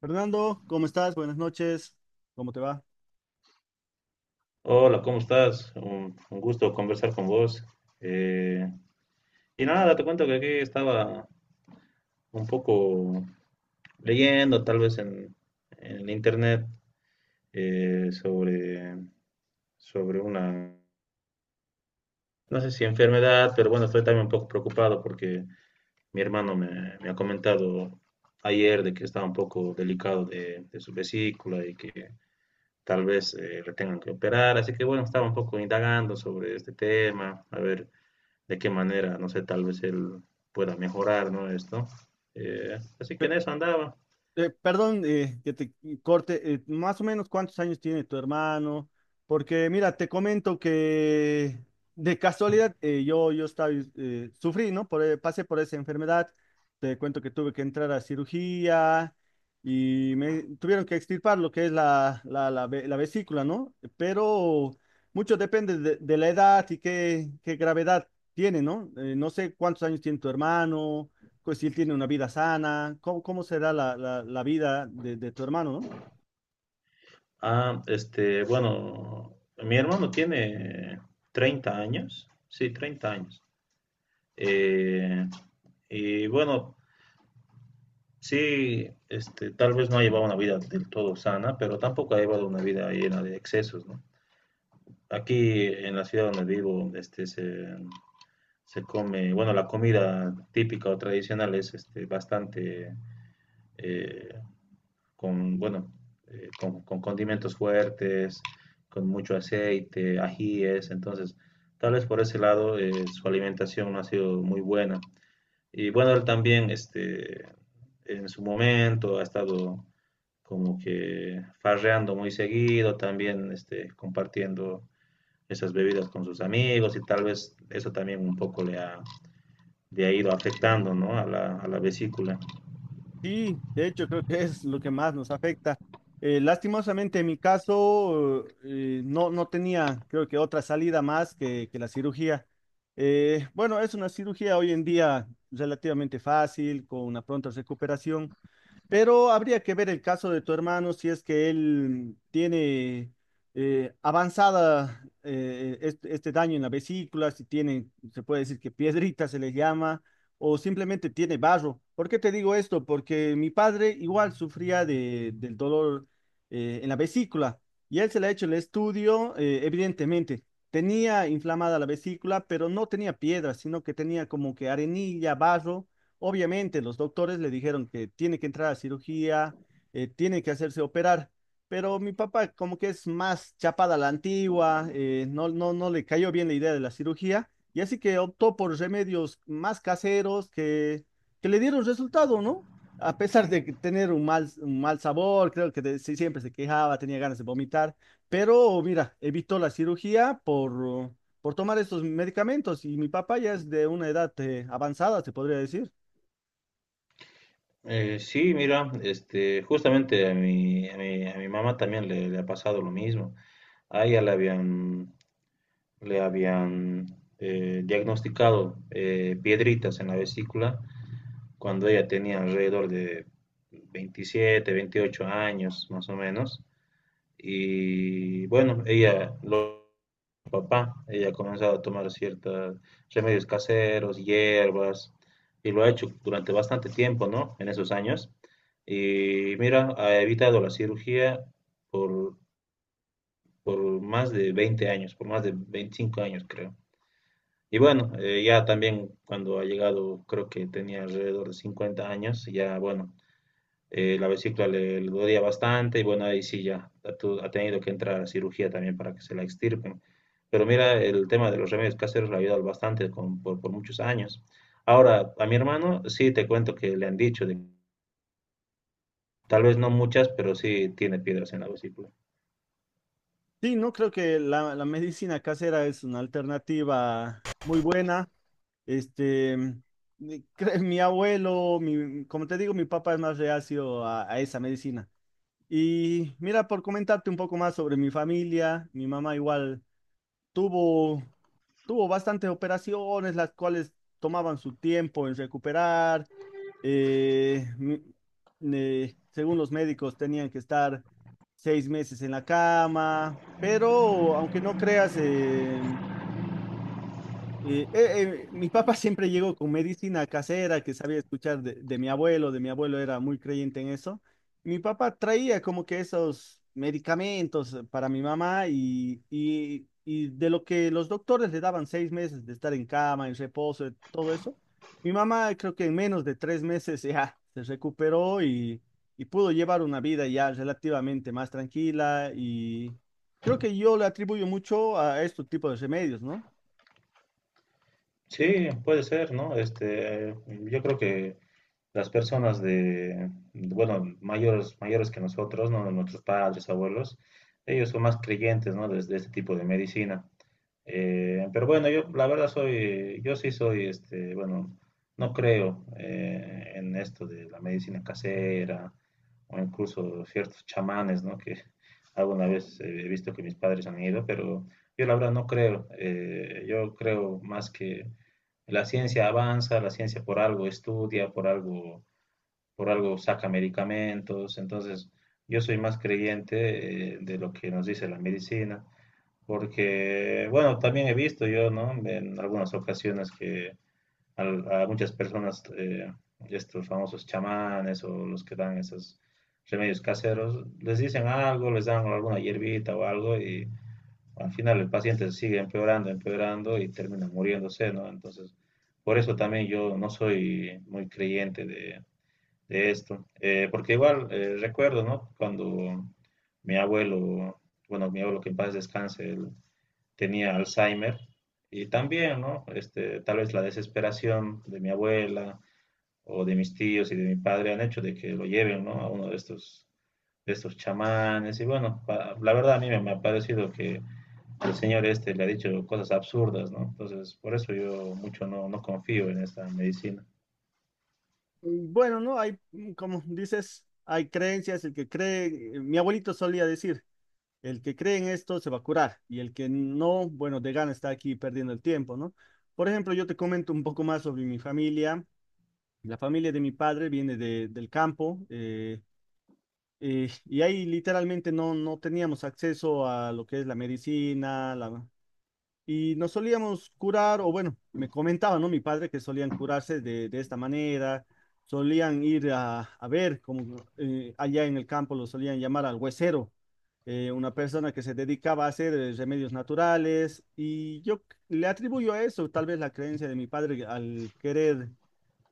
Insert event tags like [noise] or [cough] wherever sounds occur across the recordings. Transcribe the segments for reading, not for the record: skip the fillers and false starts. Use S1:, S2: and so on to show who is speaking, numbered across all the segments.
S1: Fernando, ¿cómo estás? Buenas noches. ¿Cómo te va?
S2: Hola, ¿cómo estás? Un gusto conversar con vos. Eh, y nada, te cuento que aquí estaba un poco leyendo, tal vez en internet, eh, sobre, sobre una, no sé si enfermedad, pero bueno, estoy también un poco preocupado porque mi hermano me ha comentado ayer de que estaba un poco delicado de su vesícula y que tal vez le tengan que operar. Así que bueno, estaba un poco indagando sobre este tema, a ver, de qué manera, no sé, tal vez él pueda mejorar, ¿no? Esto. Así que
S1: Fe-
S2: en eso andaba.
S1: Perdón que te corte, más o menos cuántos años tiene tu hermano, porque mira, te comento que de casualidad yo estaba, sufrí, ¿no? Pasé por esa enfermedad, te cuento que tuve que entrar a cirugía y me tuvieron que extirpar lo que es la vesícula, ¿no? Pero mucho depende de la edad y qué gravedad tiene, ¿no? No sé cuántos años tiene tu hermano, pues si él tiene una vida sana, cómo será la vida de tu hermano, no?
S2: Bueno, mi hermano tiene 30 años, sí, 30 años. Eh, y bueno, sí, este, tal vez no ha llevado una vida del todo sana, pero tampoco ha llevado una vida llena de excesos, ¿no? Aquí en la ciudad donde vivo, se come, bueno, la comida típica o tradicional es este, bastante eh, con, bueno, con condimentos fuertes, con mucho aceite, ajíes, entonces tal vez por ese lado su alimentación no ha sido muy buena. Y bueno, él también este, en su momento ha estado como que farreando muy seguido, también este, compartiendo esas bebidas con sus amigos y tal vez eso también un poco le ha ido afectando, ¿no? A la vesícula.
S1: Sí, de hecho creo que es lo que más nos afecta. Lastimosamente en mi caso no, no tenía creo que otra salida más que la cirugía. Bueno, es una cirugía hoy en día relativamente fácil, con una pronta recuperación. Pero habría que ver el caso de tu hermano si es que él tiene avanzada este daño en la vesícula, si tiene, se puede decir que piedrita se le llama, o simplemente tiene barro. ¿Por qué te digo esto? Porque mi padre igual sufría del dolor en la vesícula y él se le ha hecho el estudio, evidentemente. Tenía inflamada la vesícula, pero no tenía piedra, sino que tenía como que arenilla, barro. Obviamente, los doctores le dijeron que tiene que entrar a cirugía, tiene que hacerse operar, pero mi papá como que es más chapada a la antigua, no le cayó bien la idea de la cirugía, y así que optó por remedios más caseros que le dieron resultado, ¿no? A pesar de que tener un mal sabor, creo que sí, siempre se quejaba, tenía ganas de vomitar, pero mira, evitó la cirugía por tomar estos medicamentos, y mi papá ya es de una edad avanzada, se podría decir.
S2: Sí, mira, este, justamente a mi mamá también le ha pasado lo mismo. A ella le habían diagnosticado piedritas en la vesícula cuando ella tenía alrededor de 27, 28 años más o menos. Y bueno, ella ha comenzado a tomar ciertos remedios caseros, hierbas, y lo ha hecho durante bastante tiempo, ¿no? En esos años. Y mira, ha evitado la cirugía por, por más de 20 años, por más de 25 años, creo. Y bueno, ya también cuando ha llegado, creo que tenía alrededor de 50 años, ya bueno, la vesícula le dolía bastante y bueno, ahí sí ya ha tenido que entrar a cirugía también para que se la extirpen. Pero mira, el tema de los remedios caseros le ha ayudado bastante por muchos años. Ahora, a mi hermano sí te cuento que le han dicho, de, tal vez no muchas, pero sí tiene piedras en la vesícula.
S1: Sí, no creo que la medicina casera es una alternativa muy buena. Este, mi [laughs] mi abuelo, mi, como te digo, mi papá es más reacio a esa medicina. Y mira, por comentarte un poco más sobre mi familia, mi mamá igual tuvo tuvo bastantes operaciones, las cuales tomaban su tiempo en recuperar. eh, m- Según los médicos, tenían que estar seis meses en la cama, pero aunque no creas, eh, eh, mi papá siempre llegó con medicina casera que sabía escuchar de mi abuelo era muy creyente en eso. Mi papá traía como que esos medicamentos para mi mamá, y de lo que los doctores le daban seis meses de estar en cama, en reposo, todo eso, mi mamá creo que en menos de tres meses ya [laughs] se recuperó, y pudo llevar una vida ya relativamente más tranquila, y creo que yo le atribuyo mucho a estos tipos de remedios, ¿no?
S2: Sí, puede ser, ¿no? Este, yo creo que las personas de, bueno, mayores que nosotros, ¿no? Nuestros padres, abuelos, ellos son más creyentes, ¿no? De este tipo de medicina. Pero bueno, yo sí soy, este, bueno, no creo en esto de la medicina casera o incluso ciertos chamanes, ¿no? Que alguna vez he visto que mis padres han ido, pero yo la verdad no creo. Yo creo más que la ciencia avanza, la ciencia por algo estudia, por algo saca medicamentos. Entonces, yo soy más creyente de lo que nos dice la medicina porque, bueno, también he visto yo, ¿no? En algunas ocasiones que muchas personas, estos famosos chamanes o los que dan esos remedios caseros, les dicen algo, les dan alguna hierbita o algo y al final el paciente sigue empeorando, empeorando y termina muriéndose, ¿no? Entonces, por eso también yo no soy muy creyente de esto. Porque igual recuerdo, ¿no? Cuando mi abuelo, bueno, mi abuelo que en paz descanse, él tenía Alzheimer y también, ¿no? Este, tal vez la desesperación de mi abuela o de mis tíos y de mi padre han hecho de que lo lleven, ¿no? A uno de estos chamanes y bueno, la verdad a mí me ha parecido que el señor este le ha dicho cosas absurdas, ¿no? Entonces, por eso yo mucho no confío en esta medicina.
S1: Y bueno, ¿no? Hay, mm, como dices, hay creencias, el que cree, mi abuelito solía decir, el que cree en esto se va a curar y el que no, bueno, de gana está aquí perdiendo el tiempo, ¿no? Por ejemplo, yo te comento un poco más sobre mi familia. La familia de mi padre viene del campo, y ahí literalmente no, no teníamos acceso a lo que es la medicina, la, y nos solíamos curar, o bueno, me comentaba, ¿no? Mi padre que solían curarse de esta manera, solían ir a ver, como allá en el campo lo solían llamar al huesero, una persona que se dedicaba a hacer remedios naturales, y le atribuyo a eso, tal vez la creencia de mi padre al querer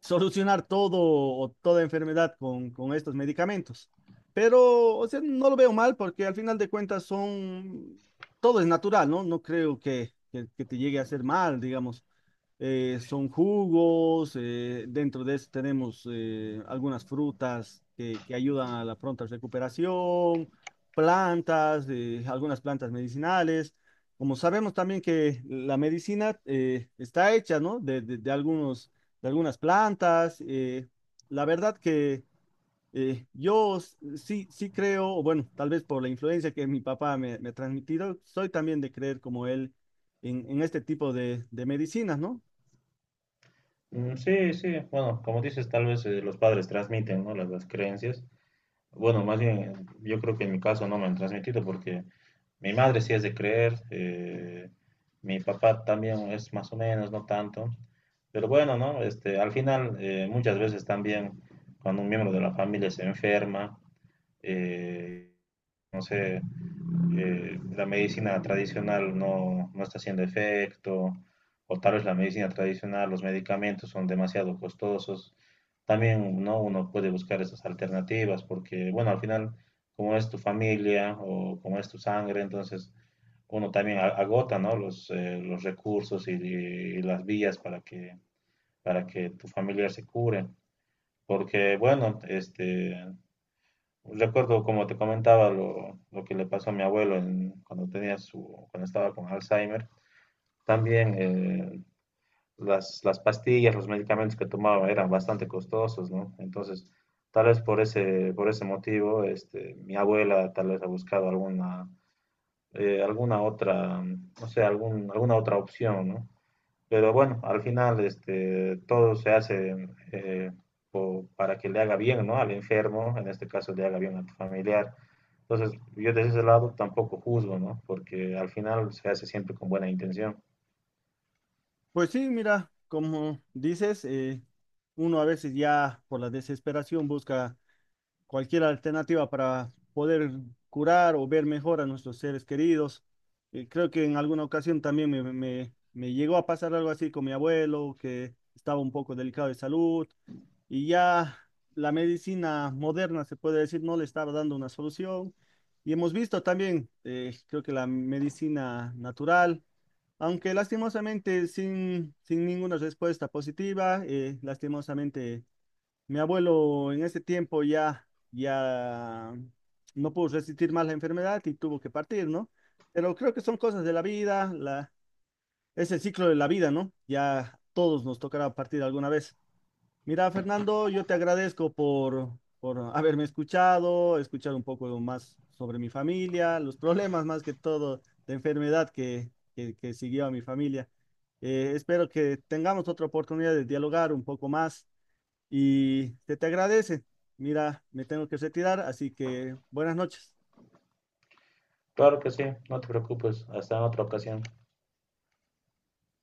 S1: solucionar todo o toda enfermedad con estos medicamentos. Pero, o sea, no lo veo mal porque al final de cuentas son, todo es natural, ¿no? No creo que te llegue a hacer mal, digamos. Son jugos, dentro de eso tenemos algunas frutas que ayudan a la pronta recuperación, plantas, algunas plantas medicinales. Como sabemos también que la medicina está hecha, ¿no? De algunos de algunas plantas. La verdad que yo sí creo, bueno, tal vez por la influencia que mi papá me ha transmitido, soy también de creer como él en este tipo de medicinas, ¿no?
S2: Mm, sí, sí, bueno, como dices, tal vez los padres transmiten, ¿no? Las creencias. Bueno, más bien, yo creo que en mi caso no me han transmitido porque mi madre sí es de creer, mi papá también es más o menos, no tanto. Pero bueno, ¿no? Este, al final, muchas veces también cuando un miembro de la familia se enferma, eh, no sé, la medicina tradicional no está haciendo efecto, o tal vez la medicina tradicional, los medicamentos son demasiado costosos. También, ¿no? Uno puede buscar esas alternativas porque, bueno, al final, como es tu familia o como es tu sangre, entonces uno también agota, ¿no? Los recursos y las vías para que tu familiar se cure. Porque, bueno, este, recuerdo, como te comentaba, lo que le pasó a mi abuelo cuando tenía su, cuando estaba con Alzheimer. También las pastillas, los medicamentos que tomaba eran bastante costosos, ¿no? Entonces, tal vez por ese motivo, este, mi abuela tal vez ha buscado alguna, alguna otra, no sé, alguna otra opción, ¿no? Pero bueno, al final, este, todo se hace para que le haga bien, ¿no? Al enfermo, en este caso, le haga bien a tu familiar. Entonces, yo desde ese lado tampoco juzgo, ¿no? Porque al final se hace siempre con buena intención.
S1: Pues sí, mira, como dices, uno a veces ya por la desesperación busca cualquier alternativa para poder curar o ver mejor a nuestros seres queridos. Creo que en alguna ocasión también me llegó a pasar algo así con mi abuelo, que estaba un poco delicado de salud y ya la medicina moderna, se puede decir, no le estaba dando una solución. Y hemos visto también, creo que la medicina natural, aunque lastimosamente sin ninguna respuesta positiva, lastimosamente mi abuelo en ese tiempo ya no pudo resistir más la enfermedad y tuvo que partir, ¿no? Pero creo que son cosas de la vida, la, es el ciclo de la vida, ¿no? Ya todos nos tocará partir alguna vez. Mira, Fernando, yo te agradezco por haberme escuchado, escuchar un poco más sobre mi familia, los problemas más que todo de enfermedad que siguió a mi familia. Espero que tengamos otra oportunidad de dialogar un poco más y se te agradece. Mira, me tengo que retirar, así que buenas noches.
S2: Claro que sí, no te preocupes, hasta en otra ocasión.